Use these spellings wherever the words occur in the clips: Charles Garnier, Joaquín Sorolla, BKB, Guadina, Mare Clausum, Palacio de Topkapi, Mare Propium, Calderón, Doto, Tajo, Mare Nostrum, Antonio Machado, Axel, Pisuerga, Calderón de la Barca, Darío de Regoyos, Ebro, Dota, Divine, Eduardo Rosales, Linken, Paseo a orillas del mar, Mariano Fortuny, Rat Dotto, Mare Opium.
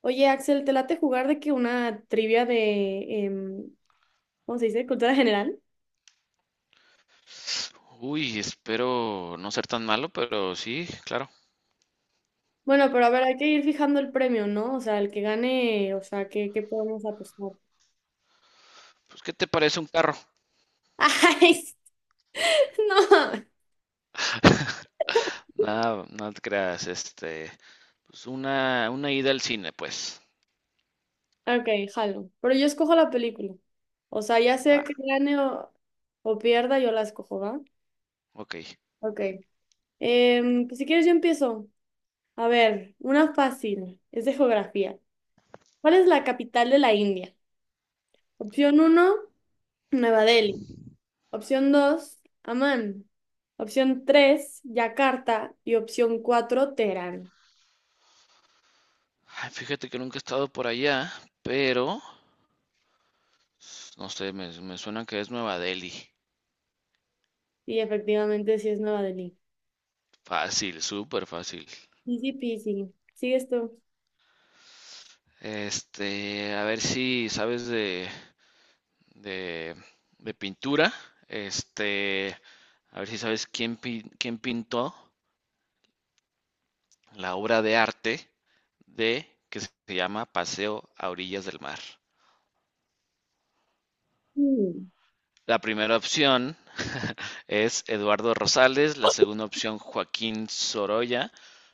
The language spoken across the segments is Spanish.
Oye, Axel, ¿te late jugar de que una trivia de, em, ¿cómo se dice? Cultura general. Uy, espero no ser tan malo, pero sí, claro. Bueno, pero a ver, hay que ir fijando el premio, ¿no? O sea, el que gane, o sea, ¿qué podemos apostar? Pues, ¿qué te parece un carro? ¡Ay! Sí, no. Nada, no te creas, pues una ida al cine, pues. Ok, jalo. Pero yo escojo la película. O sea, ya Va, sea que gane o pierda, yo la escojo, ¿va? ok. Ok. Pues si quieres, yo empiezo. A ver, una fácil. Es de geografía. ¿Cuál es la capital de la India? Opción uno, Nueva Delhi. Opción dos, Amán. Opción tres, Yakarta. Y opción cuatro, Teherán. Ay, fíjate que nunca he estado por allá, pero, no sé, me suena que es Nueva Delhi. Y efectivamente sí es Nueva Delhi. Fácil, súper fácil. Easy peasy. ¿Sigues tú? A ver si sabes de, de, de pintura. Este, a ver si sabes quién pintó la obra de arte de que se llama Paseo a orillas del mar. Mm. La primera opción es Eduardo Rosales, la segunda opción Joaquín Sorolla,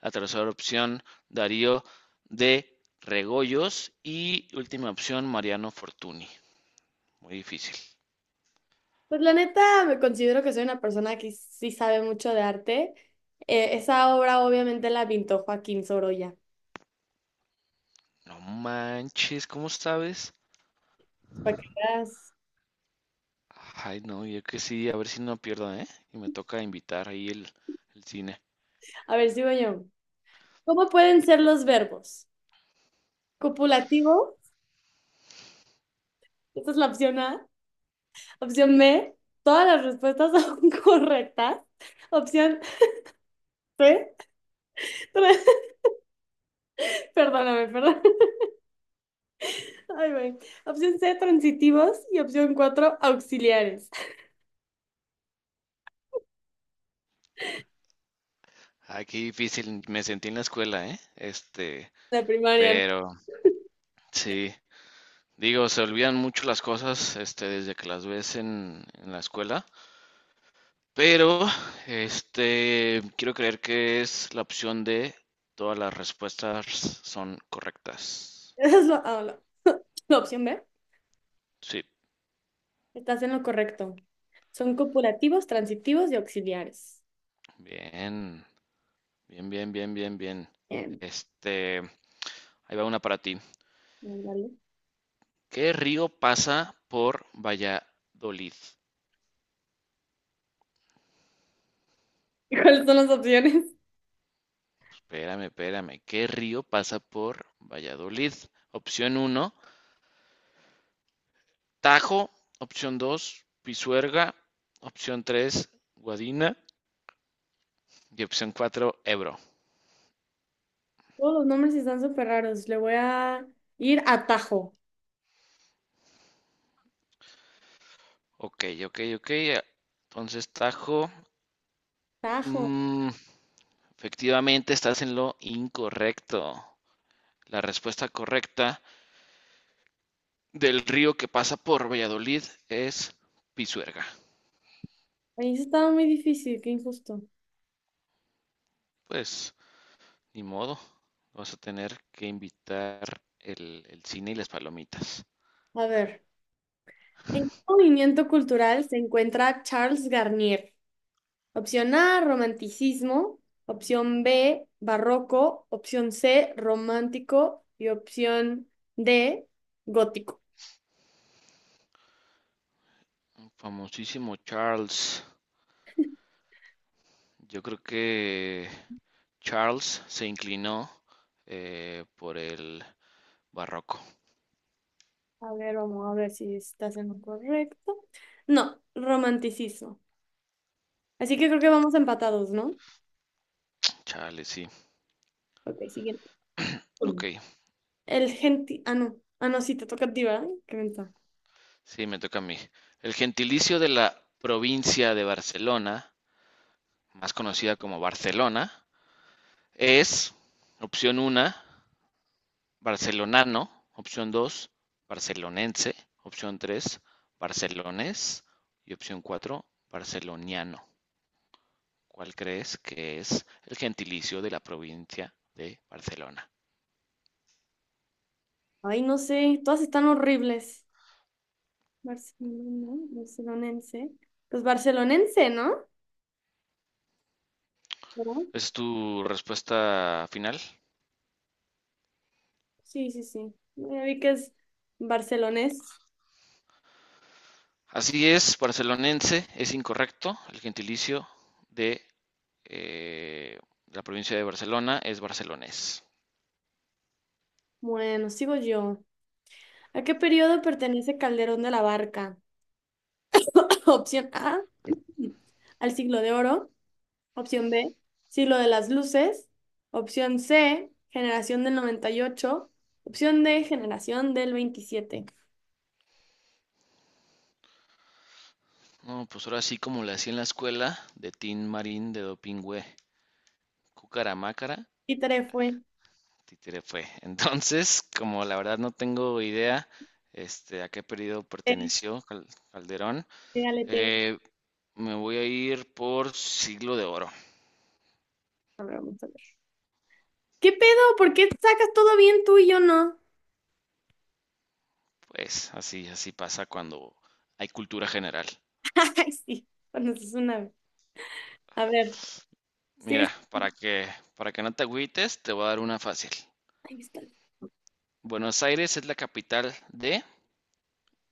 la tercera opción Darío de Regoyos y última opción Mariano Fortuny. Muy difícil. Pues la neta, me considero que soy una persona que sí sabe mucho de arte. Esa obra obviamente la pintó Joaquín Sorolla. No manches, ¿cómo sabes? Para que veas. Ay, no, yo que sí, a ver si no pierdo, ¿eh? Y me toca invitar ahí el cine. A ver, sigo yo. ¿Cómo pueden ser los verbos? Copulativo, esta es la opción A. Opción B, todas las respuestas son correctas. Opción C, perdóname, perdón. Ay, güey. Opción C, transitivos. Y opción cuatro, auxiliares. Ay, qué difícil, me sentí en la escuela, ¿eh? De primaria, ¿no? Pero sí, digo, se olvidan mucho las cosas, desde que las ves en la escuela. Pero, quiero creer que es la opción de todas las respuestas son correctas. Esa es la opción B. Sí, Estás en lo correcto. Son copulativos, transitivos y auxiliares. bien, bien, bien, bien, bien, bien. Bien. Este, Ahí va una para ti. Ándale. ¿Qué río pasa por Valladolid? ¿Cuáles son las opciones? Espérame, espérame. ¿Qué río pasa por Valladolid? Opción uno Tajo, opción 2, Pisuerga, opción 3, Guadina y opción 4, Ebro. Todos los nombres están súper raros. Le voy a ir a Tajo. Ok, ok, ok. Entonces, Tajo, Tajo. mm, efectivamente estás en lo incorrecto. La respuesta correcta del río que pasa por Valladolid es Pisuerga. Ahí sí estaba muy difícil, qué injusto. Pues, ni modo, vas a tener que invitar el cine y las palomitas. A ver. ¿En qué movimiento cultural se encuentra Charles Garnier? Opción A, romanticismo. Opción B, barroco. Opción C, romántico. Y opción D, gótico. Famosísimo Charles. Yo creo que Charles se inclinó por el barroco. A ver, vamos a ver si estás en lo correcto. No, romanticismo. Así que creo que vamos empatados, ¿no? Chale, sí. Ok, siguiente. Ok, Ah, no. Ah, no, sí, te toca a ti, ¿verdad? Qué ventaja. sí, me toca a mí. El gentilicio de la provincia de Barcelona, más conocida como Barcelona, es opción 1, barcelonano, opción 2, barcelonense, opción 3, barcelones y opción 4, barceloniano. ¿Cuál crees que es el gentilicio de la provincia de Barcelona? Ay, no sé. Todas están horribles. Barcelona, barcelonense. Pues barcelonense, ¿no? ¿Verdad? ¿Es tu respuesta final? Sí, sí, sí. Ya vi que es barcelonés. Así es, barcelonense es incorrecto. El gentilicio de eh, la provincia de Barcelona es barcelonés. Bueno, sigo yo. ¿A qué periodo pertenece Calderón de la Barca? Opción A, al siglo de oro. Opción B, siglo de las luces. Opción C, generación del 98. Opción D, generación del 27. No, pues ahora sí como le hacía en la escuela de Tin Marín de Dopingüe, Cucaramácara, Y tarea fue. títere fue. Entonces, como la verdad no tengo idea a qué periodo Eh, perteneció Calderón, Pégale, pégale. eh, me voy a ir por siglo de oro. A ver, vamos a ver. ¿Qué pedo? ¿Por qué sacas todo bien tú y yo no? Pues así, así pasa cuando hay cultura general. Ay, sí. Bueno, eso es una. A ver, Mira, sigues. para que no te agüites, te voy a dar una fácil. Ay, mi espalda. Buenos Aires es la capital de.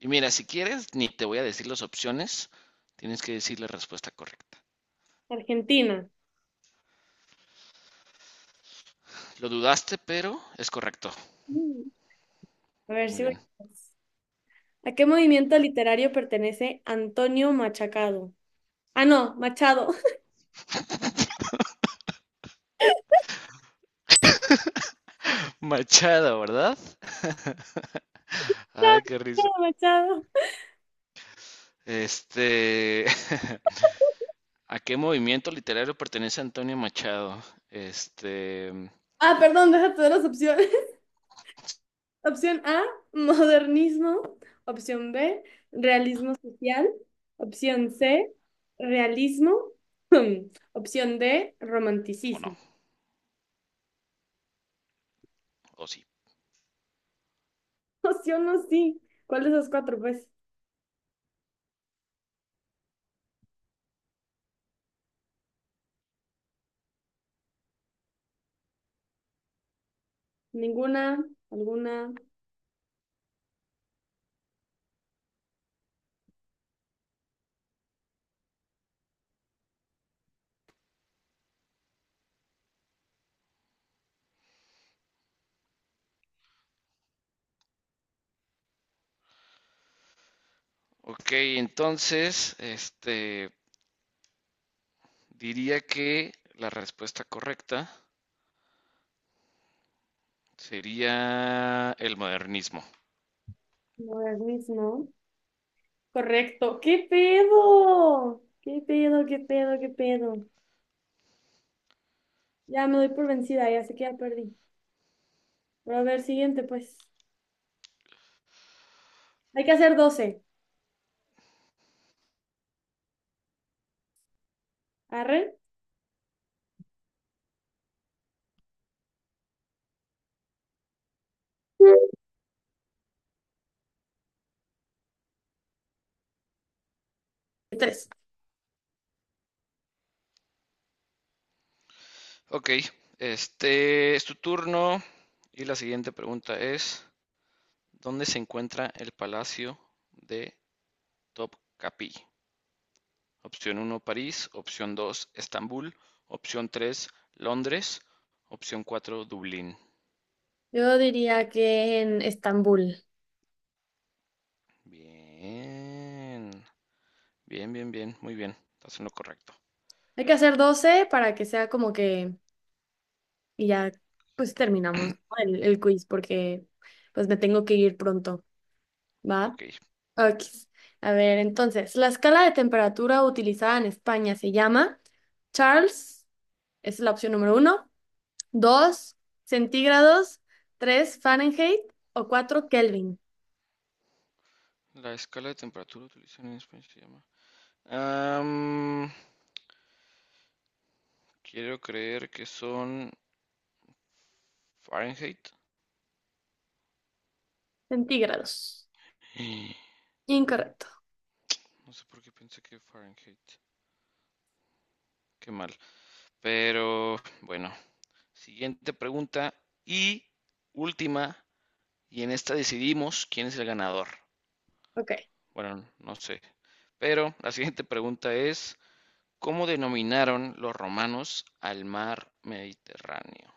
Y mira, si quieres, ni te voy a decir las opciones, tienes que decir la respuesta correcta. Argentina. Lo dudaste, pero es correcto. Mm. A ver Muy si bien. ¿A qué movimiento literario pertenece Antonio Machacado? Ah, no, Machado. Machado, ¿verdad? Ay, qué risa. Machado, Machado. Este, ¿a qué movimiento literario pertenece Antonio Machado? Este, Ah, perdón, deja todas las opciones. Opción A, modernismo. Opción B, realismo social. Opción C, realismo. Opción D, o no, romanticismo. o sí. Opción no, sí. ¿Cuál de esas cuatro? Pues ninguna, alguna, Ok, entonces, diría que la respuesta correcta sería el modernismo. modernismo. Correcto. ¿Qué pedo? ¿Qué pedo? ¿Qué pedo? ¿Qué pedo? Ya me doy por vencida, ya sé que ya perdí. Pero a ver, siguiente, pues. Hay que hacer 12. ¿Arre? Tres. Ok, este es tu turno y la siguiente pregunta es, ¿dónde se encuentra el Palacio de Topkapi? Opción uno, París, opción 2, Estambul, opción 3, Londres, opción 4, Dublín. Yo diría que en Estambul. Bien, bien, bien, bien, muy bien, estás en lo correcto. Hay que hacer 12 para que sea como que... Y ya, pues terminamos, ¿no? El quiz porque pues me tengo que ir pronto. Ok, ¿Va? Ok. A ver, entonces, la escala de temperatura utilizada en España se llama Charles, esa es la opción número uno. Dos, centígrados; tres, Fahrenheit; o cuatro, Kelvin. la escala de temperatura utilizada en España se llama. Am, quiero creer que son Fahrenheit. Centígrados. Incorrecto. No sé por qué pensé que Fahrenheit. Qué mal. Pero bueno, siguiente pregunta y última. Y en esta decidimos quién es el ganador. Ok. Bueno, no sé. Pero la siguiente pregunta es, ¿cómo denominaron los romanos al mar Mediterráneo?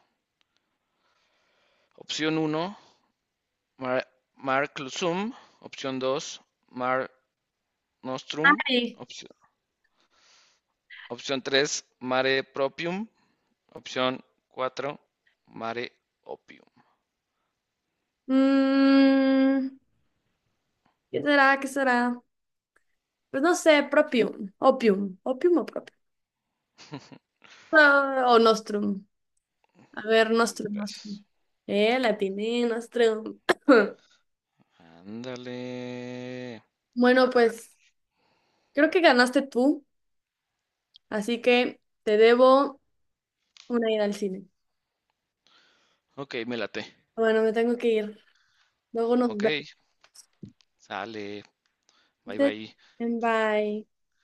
Opción uno. Mar, Mare Clausum, opción 2, Mare Nostrum, Ay, opción, opción 3, Mare Propium, opción 4, Mare Opium. mm, ¿qué será? ¿Qué será? Pues no sé, propium, opium, opium o propium. Ah, o nostrum. A ver, nostrum, Gracias. nostrum. La atiné, nostrum. Ándale. Bueno, pues creo que ganaste tú, así que te debo una ida al cine. Ok, me late. Bueno, me tengo que ir. Luego nos Ok, vemos. sale. Bye bye. Bye.